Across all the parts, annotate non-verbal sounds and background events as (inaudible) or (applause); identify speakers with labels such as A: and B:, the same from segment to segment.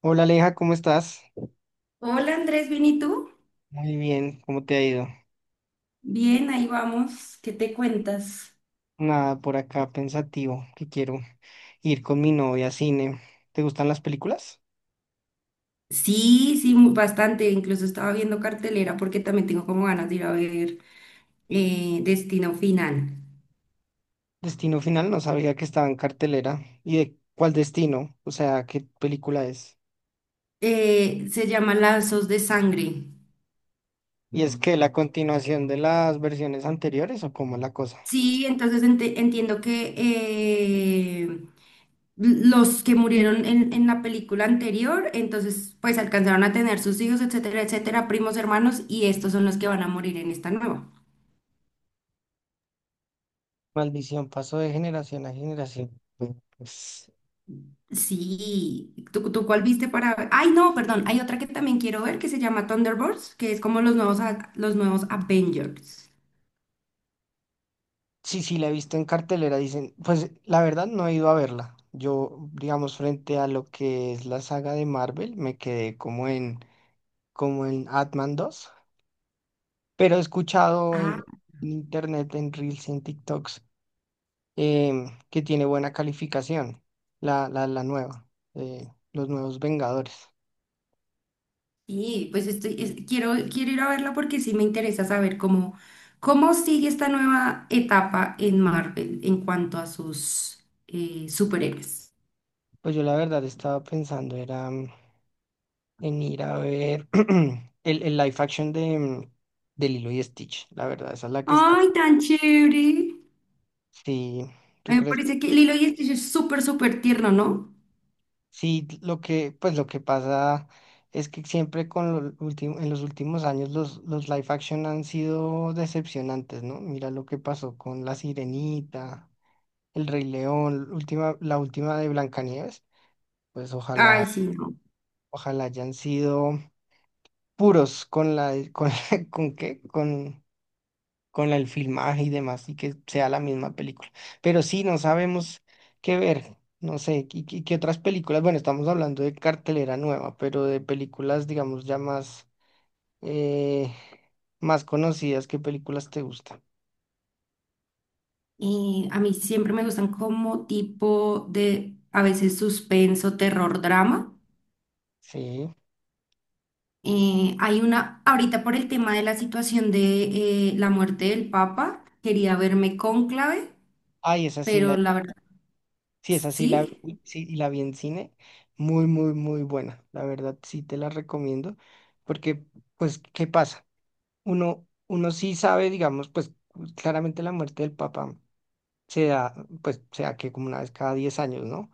A: Hola Aleja, ¿cómo estás?
B: Hola Andrés, ¿bien y tú?
A: Muy bien, ¿cómo te ha ido?
B: Bien, ahí vamos. ¿Qué te cuentas?
A: Nada, por acá pensativo, que quiero ir con mi novia a cine. ¿Te gustan las películas?
B: Sí, sí, bastante. Incluso estaba viendo cartelera porque también tengo como ganas de ir a ver Destino Final.
A: Destino Final, no sabía que estaba en cartelera. ¿Y de cuál destino? O sea, ¿qué película es?
B: Se llama Lazos de Sangre.
A: ¿Y es que la continuación de las versiones anteriores o cómo es la cosa?
B: Sí, entonces entiendo que los que murieron en la película anterior, entonces pues alcanzaron a tener sus hijos, etcétera, etcétera, primos, hermanos, y estos son los que van a morir en esta nueva.
A: Maldición pasó de generación a generación. Pues,
B: Sí, ¿tú cuál viste para ver? Ay, no, perdón, hay otra que también quiero ver que se llama Thunderbolts, que es como los nuevos, los nuevos Avengers.
A: sí, sí, la he visto en cartelera, dicen, pues la verdad no he ido a verla. Yo, digamos, frente a lo que es la saga de Marvel, me quedé como en, como en Ant-Man 2, pero he escuchado
B: Ah,
A: en internet, en Reels, en TikToks, que tiene buena calificación, la nueva, los nuevos Vengadores.
B: sí, pues quiero, quiero ir a verla porque sí me interesa saber cómo, cómo sigue esta nueva etapa en Marvel en cuanto a sus superhéroes.
A: Pues yo la verdad estaba pensando era en ir a ver (clears throat) el live action de, de Lilo y Stitch, la verdad, esa es la que está.
B: ¡Ay, tan chévere!
A: Sí, tú
B: Me
A: crees,
B: parece que Lilo y Stitch es súper, súper tierno, ¿no?
A: sí, lo que, pues lo que pasa es que siempre con lo ulti- en los últimos años los live action han sido decepcionantes, ¿no? Mira lo que pasó con La Sirenita, El Rey León, última, la última de Blancanieves, pues ojalá,
B: Ay, sí, no.
A: ojalá hayan sido puros con la, con, (laughs) ¿con qué? Con la- el filmaje y demás, y que sea la misma película. Pero sí, no sabemos qué ver, no sé, qué, qué- qué otras películas, bueno, estamos hablando de cartelera nueva, pero de películas, digamos, ya más, eh, más conocidas, ¿qué películas te gustan?
B: A mí siempre me gustan como tipo de, a veces suspenso, terror, drama.
A: Sí.
B: Hay una, ahorita por el tema de la situación de la muerte del Papa, quería verme Cónclave,
A: Ay, esa sí
B: pero
A: la,
B: la verdad,
A: sí, esa sí la,
B: sí.
A: vi- sí, y la vi en cine, muy, muy, muy buena, la verdad, sí te la recomiendo, porque, pues, ¿qué pasa? Uno, uno sí sabe, digamos, pues, claramente la muerte del papá. Se da, pues se da que como una vez cada 10 años, ¿no?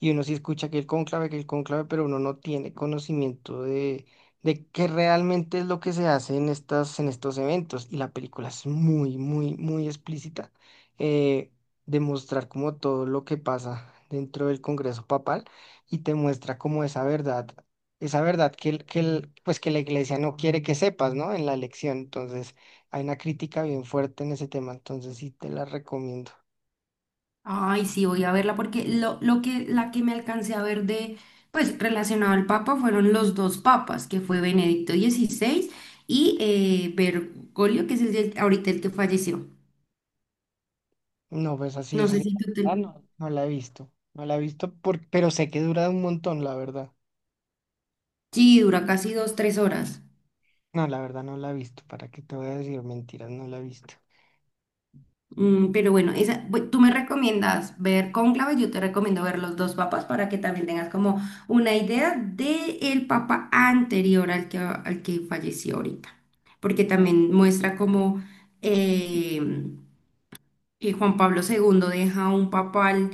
A: Y uno sí escucha que el cónclave, pero uno no tiene conocimiento de qué realmente es lo que se hace en estas, en estos eventos. Y la película es muy, muy, muy explícita, eh, de mostrar como todo lo que pasa dentro del Congreso Papal y te muestra como esa verdad. Esa verdad que, el- pues que la iglesia no quiere que sepas, ¿no? En la elección. Entonces, hay una crítica bien fuerte en ese tema, entonces sí te la recomiendo.
B: Ay, sí, voy a verla porque lo que, la que me alcancé a ver de, pues relacionado al Papa fueron los dos papas, que fue Benedicto XVI y Bergoglio, que es el, ahorita el que falleció.
A: No, pues así
B: No
A: es
B: sé
A: así.
B: si tú te...
A: Ah, no la he visto. No la he visto, por- pero sé que dura un montón, la verdad.
B: Sí, dura casi dos, tres horas.
A: No, la verdad no la he visto. ¿Para qué te voy a decir mentiras? No la he visto.
B: Mm, pero bueno, esa, tú me recomiendas ver Cónclave, yo te recomiendo ver los dos papas para que también tengas como una idea del papa anterior al que falleció ahorita, porque también muestra como eh, y Juan Pablo segundo deja un papal,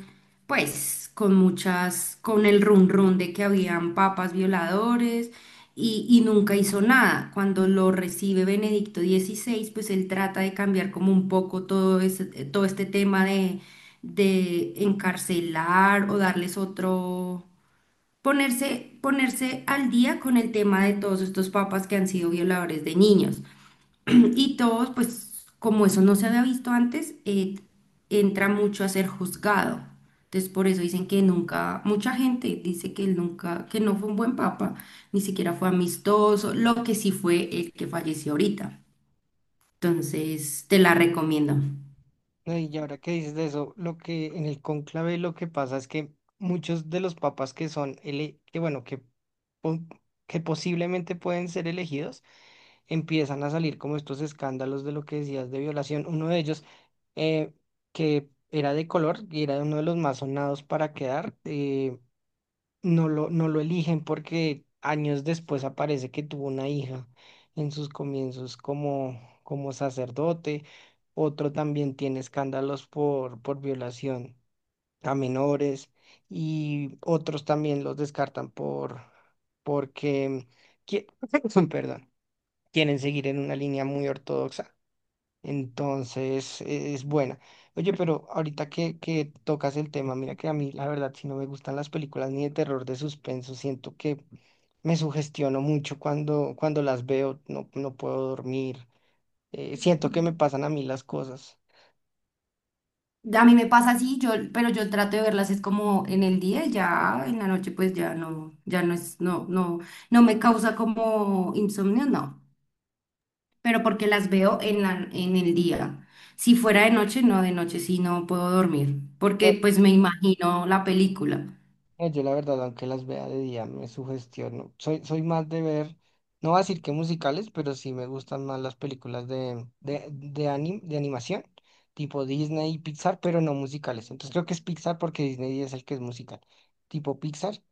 B: pues, con muchas, con el run run de que habían papas violadores y nunca hizo nada. Cuando lo recibe Benedicto dieciséis, pues él trata de cambiar como un poco todo todo este tema de encarcelar o darles otro, ponerse, ponerse al día con el tema de todos estos papas que han sido violadores de niños. Y todos, pues como eso no se había visto antes, entra mucho a ser juzgado. Entonces por eso dicen que nunca, mucha gente dice que él nunca, que no fue un buen papa, ni siquiera fue amistoso, lo que sí fue el que falleció ahorita. Entonces te la recomiendo.
A: No, y ahora que dices de eso, lo que en el cónclave lo que pasa es que muchos de los papas que son, ele- que bueno, que, po- que posiblemente pueden ser elegidos, empiezan a salir como estos escándalos de lo que decías de violación. Uno de ellos, eh, que era de color y era uno de los más sonados para quedar. No lo eligen porque años después aparece que tuvo una hija en sus comienzos como, como sacerdote. Otro también tiene escándalos por violación a menores y otros también los descartan por, porque, qui- (clears throat) (laughs) perdón, quieren seguir en una línea muy ortodoxa. Entonces, e- es buena. Oye, pero ahorita que tocas el tema, mira que a mí, la verdad, si no me gustan las películas ni de terror, de suspenso, siento que me sugestiono mucho cuando, cuando las veo, no, no puedo dormir, siento que me pasan a mí las cosas.
B: A mí me pasa así, yo, pero yo trato de verlas es como en el día, ya en la noche pues ya no, ya no es, no, no, no me causa como insomnio, no. Pero porque las veo en el día. Si fuera de noche, no, de noche sí no puedo dormir, porque pues me imagino la película.
A: No, yo la verdad, aunque las vea de día, me sugestiono. Soy, soy más de ver, no voy a decir que musicales, pero sí me gustan más las películas de, anim- de animación, tipo Disney y Pixar, pero no musicales. Entonces creo que es Pixar porque Disney es el que es musical, tipo Pixar.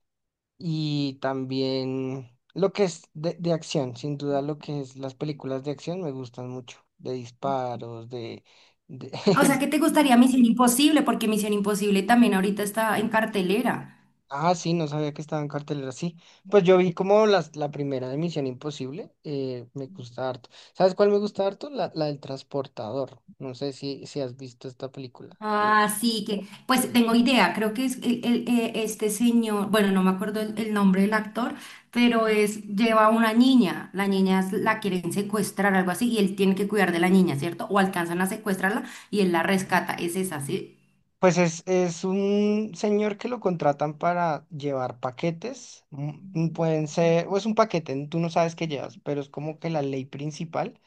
A: Y también lo que es de acción, sin duda lo que es las películas de acción me gustan mucho, de disparos, de
B: Ah, o sea,
A: (laughs)
B: ¿qué te gustaría? ¿Misión Imposible? Porque Misión Imposible también ahorita está en cartelera.
A: Ah, sí, no sabía que estaba en cartelera, sí. Pues yo vi como las, la primera de Misión Imposible, me gusta harto. ¿Sabes cuál me gusta harto? La del transportador. No sé si, si has visto esta película. La-
B: Así que, pues tengo idea, creo que es este señor, bueno, no me acuerdo el nombre del actor, pero es, lleva a una niña, la niña la quieren secuestrar, algo así, y él tiene que cuidar de la niña, ¿cierto? O alcanzan a secuestrarla y él la rescata, es esa, ¿sí?
A: Pues es un señor que lo contratan para llevar paquetes. Pueden ser, o es un paquete, tú no sabes qué llevas, pero es como que la ley principal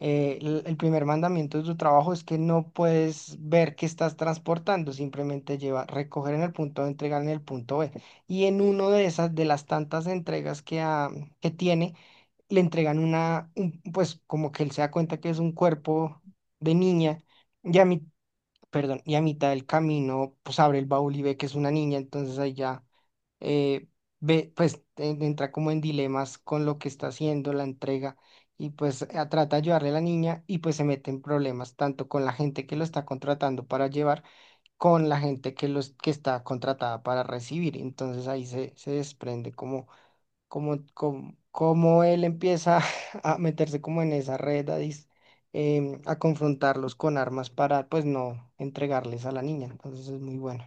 A: el primer mandamiento de tu trabajo es que no puedes ver qué estás transportando, simplemente lleva recoger en el punto A, entregar en el punto B. Y en uno de esas, de las tantas entregas que, ha- que tiene, le entregan una, un- pues como que él se da cuenta que es un cuerpo de niña. Y a mí perdón, y a mitad del camino, pues abre el baúl y ve que es una niña, entonces ahí ya eh, ve, pues en- entra como en dilemas con lo que está haciendo, la entrega, y pues a- trata de ayudarle a la niña y pues se mete en problemas, tanto con la gente que lo está contratando para llevar, con la gente que, los, que está contratada para recibir, entonces ahí se, se desprende como, como, como él empieza (laughs) a meterse como en esa red, a, dis- a confrontarlos con armas para, pues, no entregarles a la niña. Entonces es muy bueno.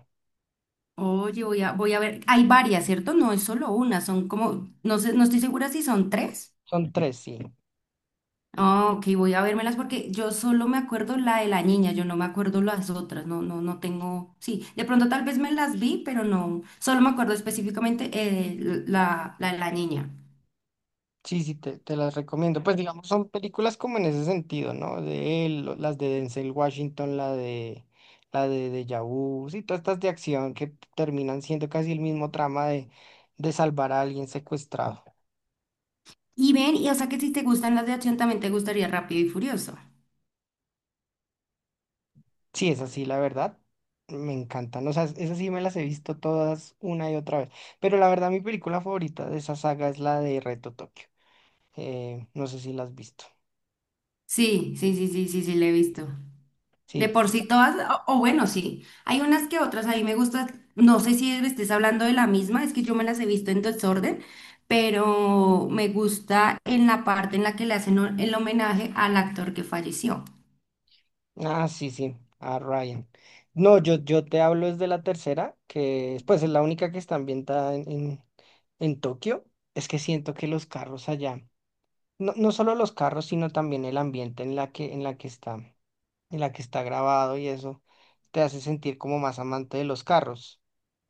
B: Oye, voy a ver. Hay varias, ¿cierto? No es solo una, son como, no sé, no estoy segura si son tres.
A: Son tres, sí.
B: Ah, ok, voy a vérmelas porque yo solo me acuerdo la de la niña, yo no me acuerdo las otras, no, no, no tengo. Sí, de pronto tal vez me las vi, pero no, solo me acuerdo específicamente la de la niña.
A: Sí, sí, te las recomiendo. Pues, digamos, son películas como en ese sentido, ¿no? De él, lo- las de Denzel Washington, la de Deja Vu, sí, todas estas de acción que terminan siendo casi el mismo trama de salvar a alguien secuestrado.
B: Y ven, y o sea que si te gustan las de acción, también te gustaría Rápido y Furioso.
A: Sí, es así, la verdad. Me encantan. O sea, esas sí me las he visto todas una y otra vez. Pero la verdad, mi película favorita de esa saga es la de Reto Tokio. No sé si la has visto.
B: Sí, sí, sí, sí, sí, sí, le he visto. De
A: Sí.
B: por sí todas, o bueno, sí, hay unas que otras, a mí me gustan, no sé si estés hablando de la misma, es que yo me las he visto en desorden, pero me gusta en la parte en la que le hacen el homenaje al actor que falleció.
A: Ah, sí, sí. A Ryan. No, yo te hablo es de la tercera, que es, pues es la única que está ambientada en Tokio. Es que siento que los carros allá, no, no solo los carros, sino también el ambiente en la que está, en la que está grabado y eso, te hace sentir como más amante de los carros.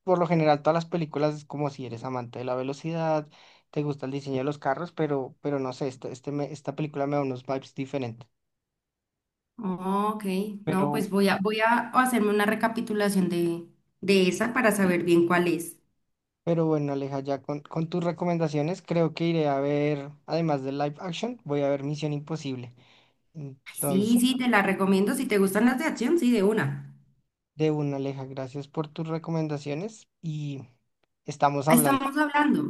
A: Por lo general todas las películas es como si eres amante de la velocidad, te gusta el diseño de los carros, pero no sé, este me- esta película me da unos vibes diferentes.
B: Oh, ok, no,
A: Pero,
B: pues voy a hacerme una recapitulación de esa para saber bien cuál es.
A: pero bueno, Aleja, ya con tus recomendaciones creo que iré a ver, además de live action, voy a ver Misión Imposible.
B: Ay,
A: Entonces,
B: sí, sí, te la recomiendo, si te gustan las de acción, sí, de una.
A: de una, Aleja, gracias por tus recomendaciones y estamos
B: Ah, estamos
A: hablando.
B: hablando.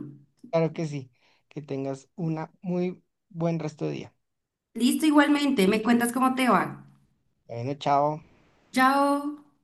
A: Claro que sí, que tengas una muy buen resto de día.
B: Listo, igualmente, me cuentas cómo te va.
A: Bueno, chao.
B: Chao.